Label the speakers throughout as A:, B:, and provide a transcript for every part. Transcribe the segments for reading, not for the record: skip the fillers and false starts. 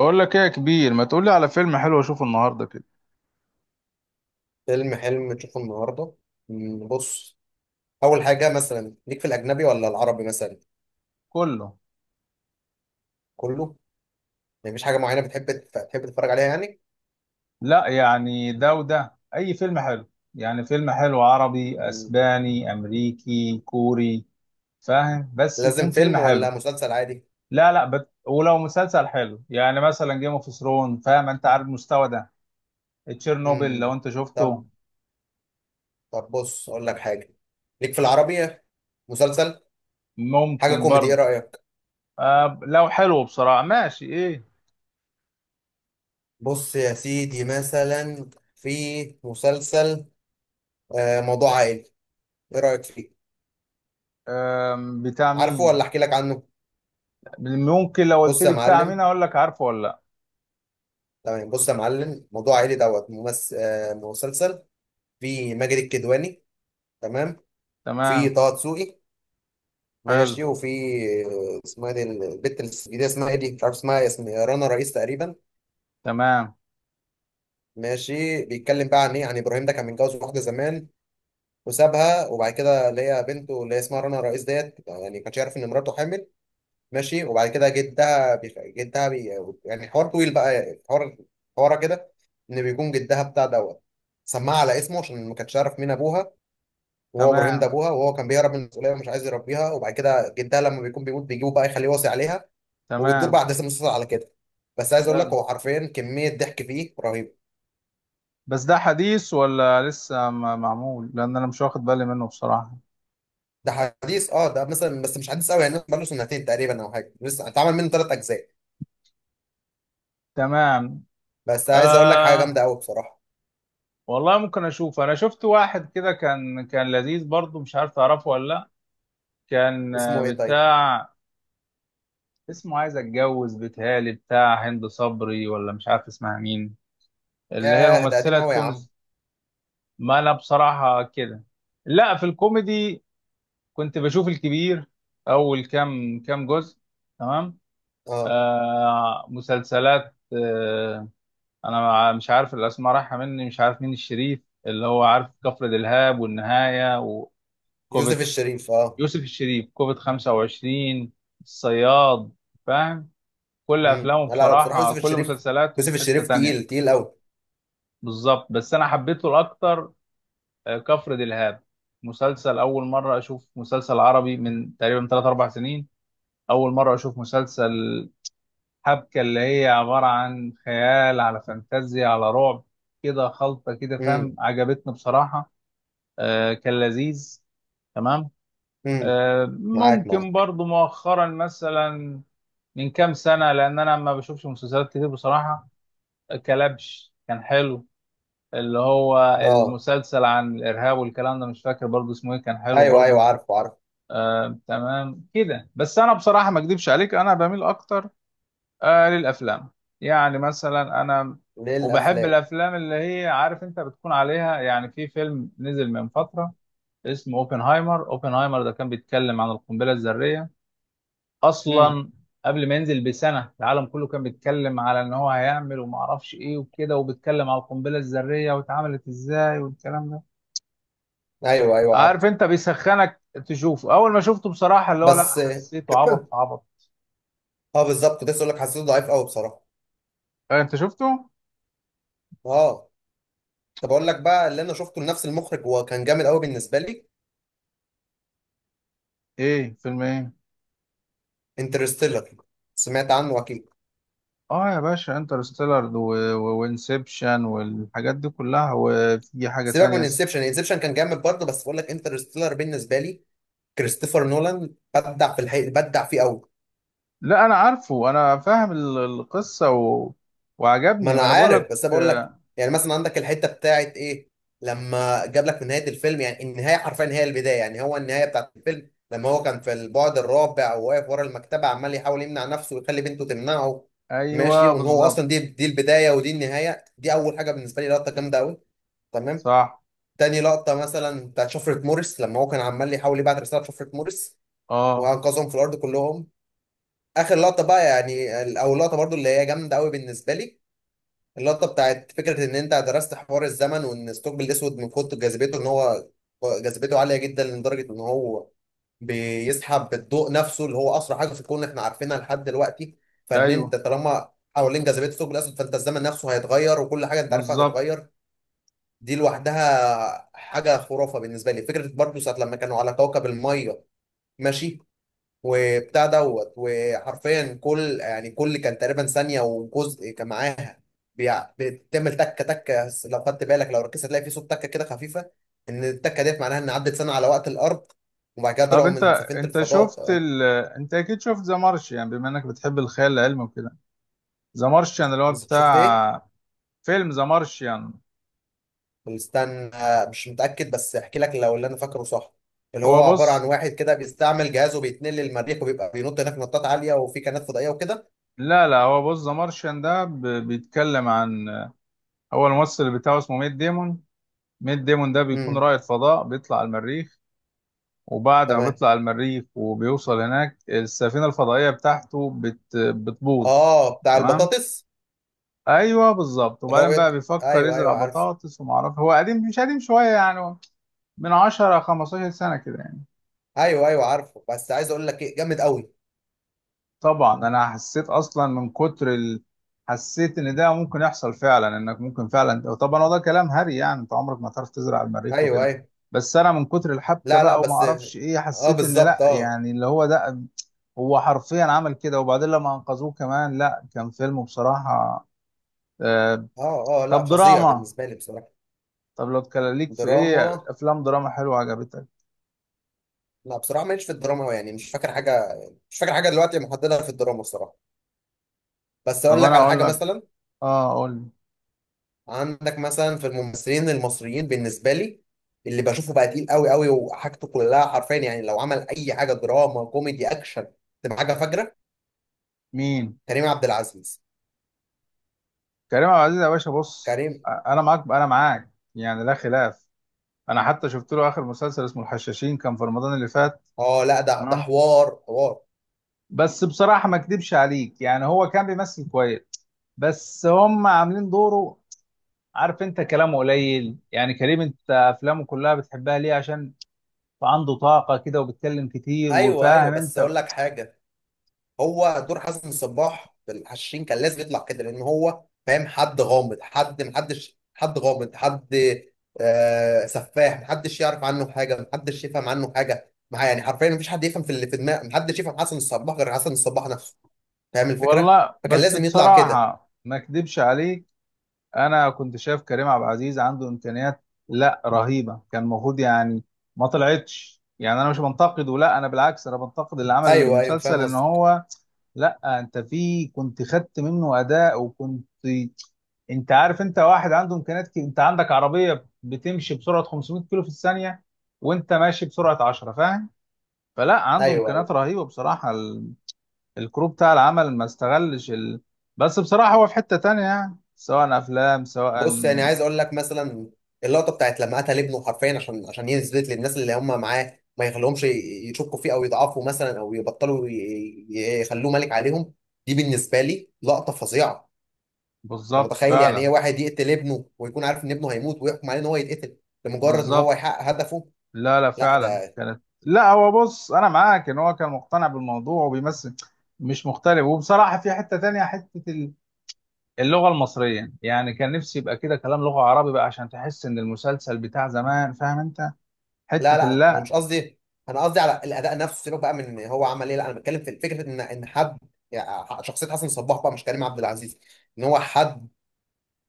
A: بقول لك ايه يا كبير؟ ما تقول لي على فيلم حلو اشوفه النهارده كده.
B: فيلم حلم تشوفه النهارده؟ بص، اول حاجه مثلا ليك في الاجنبي ولا العربي مثلا؟
A: كله.
B: كله. يعني مفيش حاجه معينه بتحب تف- تحب تتفرج عليها يعني؟
A: لا يعني ده وده، اي فيلم حلو. يعني فيلم حلو عربي،
B: مم.
A: اسباني، امريكي، كوري، فاهم؟ بس يكون
B: لازم
A: فيلم
B: فيلم ولا
A: حلو.
B: مسلسل عادي؟
A: لا لا ولو مسلسل حلو، يعني مثلا جيم اوف ثرون، فاهم انت عارف المستوى ده؟ تشيرنوبل
B: مم.
A: لو انت
B: طب
A: شفته.
B: طب بص، اقول لك حاجه. ليك في العربي مسلسل، حاجه
A: ممكن
B: كوميدي، ايه
A: برضه.
B: رايك؟
A: آه لو حلو بصراحة، ماشي، ايه؟
B: بص يا سيدي، مثلا في مسلسل، موضوع عائلي، ايه رايك فيه؟
A: آه. بتاع
B: عارفه
A: مين؟
B: ولا احكي لك عنه؟
A: ممكن، لو قلت
B: بص يا
A: لي بتاع مين
B: معلم.
A: اقول لك عارفه ولا لا.
B: تمام، بص يا معلم، موضوع عائلي دوت ممثل. مسلسل، في ماجد الكدواني، تمام. في
A: تمام.
B: طه دسوقي،
A: حلو.
B: ماشي. وفي، اسمها دي البت الجديده، اسمها ايه دي، مش عارف اسمها، يا رنا رئيس تقريبا.
A: تمام.
B: ماشي، بيتكلم بقى عن ايه؟ عن ابراهيم ده، كان متجوز واحده زمان وسابها، وبعد كده اللي هي بنته، اللي هي اسمها رنا رئيس ديت، يعني ما كانش يعرف ان مراته حامل. ماشي، وبعد كده جدها بيخ... جدها بي... يعني حوار طويل بقى، حوار، حوارها كده. ان بيكون جدها بتاع دوت سماها على اسمه، عشان ما كانش يعرف مين ابوها، وهو ابراهيم ده
A: تمام.
B: ابوها، وهو كان بيهرب من المسؤوليه ومش عايز يربيها. وبعد كده جدها لما بيكون بيموت بيجيبه بقى يخليه وصي عليها. وبتدور بقى
A: تمام.
B: احداث المسلسل على كده. بس عايز اقول لك،
A: حلو.
B: هو حرفيا كميه ضحك فيه رهيبه.
A: بس ده حديث ولا لسه معمول؟ لان انا مش واخد بالي منه بصراحة.
B: ده حديث؟ اه ده مثلا، بس مش حديث قوي، يعني بقاله سنتين تقريبا او حاجه، لسه اتعمل منه ثلاث اجزاء.
A: تمام.
B: بس عايز اقول لك حاجه جامده
A: آه
B: قوي بصراحه.
A: والله ممكن اشوف. انا شفت واحد كده كان لذيذ برضه، مش عارف تعرفه ولا لا. كان آه،
B: اسمه ايه طيب؟
A: بتاع. اسمه عايز اتجوز، بيتهيألي بتاع هند صبري ولا مش عارف اسمها مين، اللي هي
B: ياه، ده
A: الممثلة
B: قديم قوي يا عم.
A: التونس. ما انا بصراحة كده. لا، في الكوميدي كنت بشوف الكبير، اول كام جزء. تمام.
B: اه،
A: آه مسلسلات آه. انا مش عارف الاسماء رايحه مني، مش عارف مين الشريف اللي هو عارف كفر دلهاب والنهايه
B: يوسف
A: وكوفيد.
B: الشريف، اه.
A: يوسف الشريف كوفيد 25، الصياد، فاهم؟ كل افلامه
B: لا لا، بصراحه
A: بصراحه،
B: يوسف
A: كل
B: الشريف،
A: مسلسلاته
B: يوسف
A: في حته
B: الشريف تقيل
A: تانية.
B: تقيل قوي.
A: بالظبط، بس انا حبيته الاكتر آه، كفر دلهاب مسلسل. اول مره اشوف مسلسل عربي من تقريبا 3 4 سنين. اول مره اشوف مسلسل حبكة اللي هي عبارة عن خيال على فانتازيا على رعب، كده خلطة كده فاهم،
B: امم.
A: عجبتني بصراحة. آه كان لذيذ. تمام.
B: امم.
A: آه
B: معاك
A: ممكن
B: معاك.
A: برضو مؤخرا مثلا، من كام سنة، لأن أنا ما بشوفش مسلسلات كتير بصراحة. كلبش كان حلو، اللي هو
B: اه،
A: المسلسل عن الإرهاب والكلام ده. مش فاكر برضو اسمه إيه، كان حلو
B: ايوه ايوه،
A: برضو.
B: عارفه عارفه.
A: آه تمام كده. بس أنا بصراحة ما أكدبش عليك، أنا بميل أكتر آه للأفلام. يعني مثلا أنا وبحب
B: للافلام.
A: الأفلام اللي هي عارف أنت بتكون عليها. يعني في فيلم نزل من فترة اسمه أوبنهايمر. أوبنهايمر ده كان بيتكلم عن القنبلة الذرية
B: امم.
A: أصلا. قبل ما ينزل بسنة العالم كله كان بيتكلم على إن هو هيعمل وما أعرفش إيه وكده، وبيتكلم على القنبلة الذرية واتعملت إزاي والكلام ده.
B: ايوه ايوه،
A: عارف
B: عارف.
A: أنت بيسخنك تشوفه. أول ما شفته بصراحة اللي هو لا،
B: بس
A: حسيته عبط في عبط.
B: بالظبط، كنت لسه اقول لك، حسيته ضعيف قوي بصراحه.
A: آه، أنت شفته؟
B: اه. طب اقول لك بقى اللي انا شفته لنفس المخرج، وكان جامد قوي بالنسبه لي.
A: إيه فيلم إيه؟
B: انترستيلر، سمعت عنه اكيد؟
A: اه يا باشا انترستيلر وانسبشن والحاجات دي كلها، وفي حاجة
B: سيبك
A: تانية
B: من انسبشن، انسبشن كان جامد برضه، بس بقول لك انترستيلر بالنسبه لي. كريستوفر نولان بدع في الحقيقه، بدع فيه قوي.
A: لا انا عارفه، انا فاهم القصة
B: ما
A: وعجبني،
B: انا
A: ما انا بقول
B: عارف،
A: لك.
B: بس انا بقول لك، يعني مثلا عندك الحته بتاعت ايه، لما جاب لك في نهايه الفيلم، يعني النهايه حرفيا هي البدايه، يعني هو النهايه بتاعت الفيلم لما هو كان في البعد الرابع، وواقف ورا المكتبه عمال يحاول يمنع نفسه ويخلي بنته تمنعه. ماشي،
A: ايوه
B: وان هو
A: بالظبط.
B: اصلا دي البدايه، ودي النهايه، دي اول حاجه بالنسبه لي، لقطه جامده قوي. تمام.
A: صح.
B: تاني لقطه مثلا، بتاعت شفره موريس، لما هو كان عمال يحاول يبعت رساله شفره موريس،
A: اه.
B: وانقذهم في الارض كلهم. اخر لقطه بقى يعني، او اللقطه برضو اللي هي جامده قوي بالنسبه لي، اللقطة بتاعت فكرة إن أنت درست حوار الزمن، وإن الثقب الأسود من كتر جاذبيته، إن هو جاذبيته عالية جدا لدرجة إن هو بيسحب الضوء نفسه، اللي هو أسرع حاجة في الكون إحنا عارفينها لحد دلوقتي. فإن أنت
A: ايوه
B: طالما حوالين جاذبية الثقب الأسود، فأنت الزمن نفسه هيتغير، وكل حاجة أنت عارفها
A: بالظبط.
B: هتتغير. دي لوحدها حاجة خرافة بالنسبة لي. فكرة برضه ساعة لما كانوا على كوكب المية، ماشي، وبتاع دوت، وحرفيا كل كان تقريبا ثانية وجزء كان معاها بتعمل تكة تكة، بس لو خدت بالك، لو ركزت، هتلاقي في صوت تكة كده خفيفة، إن التكة ديت معناها إن عدت سنة على وقت الأرض. وبعد كده
A: طب
B: طلعوا
A: انت،
B: من سفينة
A: انت
B: الفضاء.
A: شفت ال... انت اكيد شفت ذا مارشيان بما انك بتحب الخيال العلمي وكده؟ ذا مارشيان اللي هو
B: شفت إيه؟
A: بتاع، فيلم ذا مارشيان.
B: استنى، مش متأكد، بس أحكي لك لو اللي أنا فاكره صح. اللي
A: هو
B: هو عبارة عن
A: بص
B: واحد كده بيستعمل جهازه بيتنقل للمريخ، وبيبقى بينط هناك نطات عالية، وفي كائنات فضائية وكده.
A: لا لا، هو بص، ذا مارشيان ده بيتكلم عن، هو الممثل بتاعه اسمه ميت ديمون. ميت ديمون ده بيكون
B: امم.
A: رائد فضاء بيطلع المريخ. وبعد ما
B: تمام.
A: بيطلع المريخ وبيوصل هناك السفينة الفضائية بتاعته بتبوظ.
B: اه، بتاع
A: تمام.
B: البطاطس.
A: ايوه بالظبط،
B: اللي هو
A: وبعدين بقى بيفكر
B: ايوه
A: يزرع
B: ايوه، عارف.
A: بطاطس. وما اعرف، هو قديم مش قديم، شوية يعني، من 10 15 سنة كده يعني.
B: ايوه ايوه، عارفه، بس عايز اقول لك ايه، جامد قوي.
A: طبعا انا حسيت اصلا من كتر حسيت ان ده ممكن يحصل فعلا، انك ممكن فعلا. طبعا هو ده كلام هري، يعني انت عمرك ما تعرف تزرع المريخ
B: ايوه
A: وكده،
B: ايوه.
A: بس انا من كتر الحبكه
B: لا لا،
A: بقى وما
B: بس.
A: اعرفش ايه
B: اه،
A: حسيت ان لا،
B: بالظبط اه.
A: يعني اللي هو ده هو حرفيا عمل كده. وبعدين لما انقذوه كمان، لا كان فيلم بصراحه. آه...
B: اه اه، لا
A: طب
B: فظيع
A: دراما،
B: بالنسبه لي بصراحه.
A: طب لو اتكلم ليك في
B: دراما؟
A: ايه، افلام دراما حلوه عجبتك؟
B: لا بصراحه، ماليش في الدراما أوي، يعني مش فاكر حاجه. مش فاكر حاجه دلوقتي محددها في الدراما بصراحه. بس
A: طب
B: اقول لك
A: انا
B: على
A: اقول
B: حاجه
A: لك.
B: مثلا.
A: اه اقول.
B: عندك مثلا في الممثلين المصريين، بالنسبه لي، اللي بشوفه بقى تقيل قوي قوي، وحاجته كلها حرفيا، يعني لو عمل اي حاجه دراما كوميدي اكشن تبقى حاجه فجره.
A: مين؟
B: كريم عبد العزيز.
A: كريم عبد العزيز يا باشا بص.
B: كريم.
A: انا معاك انا معاك، يعني لا خلاف. انا حتى شفت له اخر مسلسل اسمه الحشاشين كان في رمضان اللي فات.
B: اه لا، ده
A: تمام.
B: حوار، حوار.
A: بس بصراحه ما اكدبش عليك، يعني هو كان بيمثل كويس بس هم عاملين دوره. عارف انت كلامه قليل يعني. كريم انت افلامه كلها بتحبها ليه؟ عشان عنده طاقه كده وبيتكلم كتير
B: ايوه ايوه،
A: وفاهم
B: بس
A: انت.
B: اقول لك حاجه. هو دور حسن صباح في الحشاشين كان لازم يطلع كده، لان هو فاهم، حد غامض، حد محدش، حد غامض، حد، سفاح، محدش يعرف عنه حاجه، محدش يفهم عنه حاجه، يعني حرفيا مفيش حد يفهم في اللي في دماغه، محدش يفهم حسن الصباح غير حسن الصباح نفسه. فاهم الفكره؟
A: والله
B: فكان
A: بس
B: لازم يطلع كده.
A: بصراحه ما اكدبش عليك، انا كنت شايف كريم عبد العزيز عنده امكانيات لا رهيبه، كان المفروض يعني. ما طلعتش، يعني انا مش بنتقده، لا انا بالعكس انا بنتقد اللي عمل
B: ايوه ايوه،
A: المسلسل
B: فاهم
A: ان
B: قصدك.
A: هو. لا انت في كنت خدت منه اداء وكنت. انت عارف انت واحد عنده امكانيات، انت عندك عربيه بتمشي بسرعه 500 كيلو في الثانيه وانت ماشي بسرعه 10، فاهم؟ فلا عنده
B: ايوه ايوه.
A: امكانيات رهيبه بصراحه الكروب بتاع العمل ما استغلش بس بصراحه هو في حته تانيه، يعني سواء افلام سواء.
B: بص، يعني عايز اقول لك مثلا، اللقطه بتاعت لما قتل ابنه حرفيا، عشان يثبت للناس اللي هم معاه، ما يخليهمش يشكوا فيه، او يضعفوا مثلا، او يبطلوا يخلوه ملك عليهم. دي بالنسبه لي لقطه فظيعه. انت
A: بالظبط
B: متخيل يعني ايه
A: فعلا.
B: واحد يقتل ابنه، ويكون عارف ان ابنه هيموت، ويحكم عليه ان هو يتقتل، لمجرد ان هو
A: بالظبط.
B: يحقق هدفه؟
A: لا لا
B: لا.
A: فعلا
B: ده.
A: كانت، لا هو بص انا معاك ان هو كان مقتنع بالموضوع وبيمثل، مش مختلف. وبصراحه في حته تانية، حته اللغه المصريه، يعني كان نفسي يبقى كده كلام لغه عربي بقى عشان تحس ان المسلسل بتاع زمان، فاهم انت؟
B: لا
A: حته
B: لا، انا
A: اللأ.
B: مش قصدي، انا قصدي على الاداء نفسه، سيبك بقى من هو عمل ايه. لا انا بتكلم في فكره، ان حد، يعني شخصيه حسن صباح بقى مش كريم عبد العزيز، ان هو حد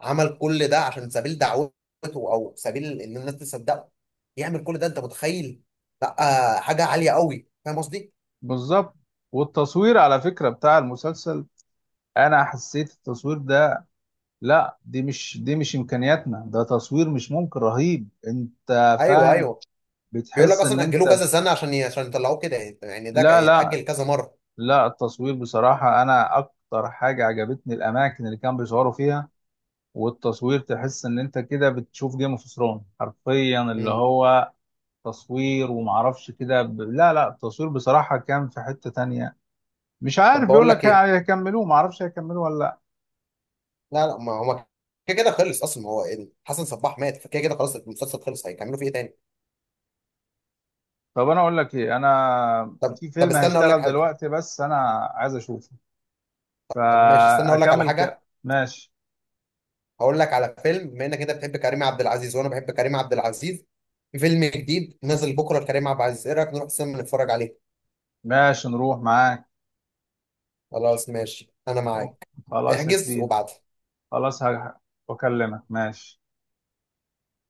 B: عمل كل ده عشان سبيل دعوته، او سبيل ان الناس تصدقه، يعمل كل ده، انت متخيل؟ لا. حاجه عاليه قوي، فاهم قصدي؟
A: بالظبط. والتصوير على فكره بتاع المسلسل، انا حسيت التصوير ده، لا دي مش، دي مش امكانياتنا، ده تصوير مش ممكن، رهيب انت
B: ايوه
A: فاهم؟
B: ايوه. بيقول لك
A: بتحس ان
B: اصلا
A: انت
B: اجلوه كذا
A: في...
B: سنه عشان عشان يطلعوه كده. يعني ده
A: لا
B: كان يتاجل
A: لا،
B: كذا مره.
A: لا التصوير بصراحة أنا أكتر حاجة عجبتني الأماكن اللي كانوا بيصوروا فيها. والتصوير تحس إن أنت كده بتشوف جيم اوف ثرونز حرفيا، اللي
B: مم.
A: هو تصوير ومعرفش كده لا لا، التصوير بصراحة كان في حتة تانية. مش
B: طب،
A: عارف بيقول
B: بقول لك
A: لك
B: ايه.
A: هيكملوه، معرفش هيكملوه ولا لأ.
B: لا لا، ما هو كده كده خلص اصلا، ما هو يعني حسن صباح مات، فكده كده خلاص المسلسل خلص، هيكملوا فيه ايه تاني؟
A: طب أنا أقول لك إيه، أنا
B: طب
A: في
B: طب
A: فيلم
B: استنى، اقول لك
A: هيشتغل
B: حاجه.
A: دلوقتي بس أنا عايز أشوفه
B: طب ماشي، استنى اقول لك على حاجه.
A: ماشي.
B: هقول لك على فيلم، بما انك انت بتحب كريم عبد العزيز، وانا بحب كريم عبد العزيز. في فيلم جديد نازل بكره لكريم عبد العزيز، ايه رايك نروح السينما نتفرج عليه؟
A: ماشي نروح معاك.
B: خلاص ماشي، انا
A: أوه.
B: معاك.
A: خلاص يا
B: احجز
A: كبير.
B: وبعد
A: خلاص هكلمك، ماشي.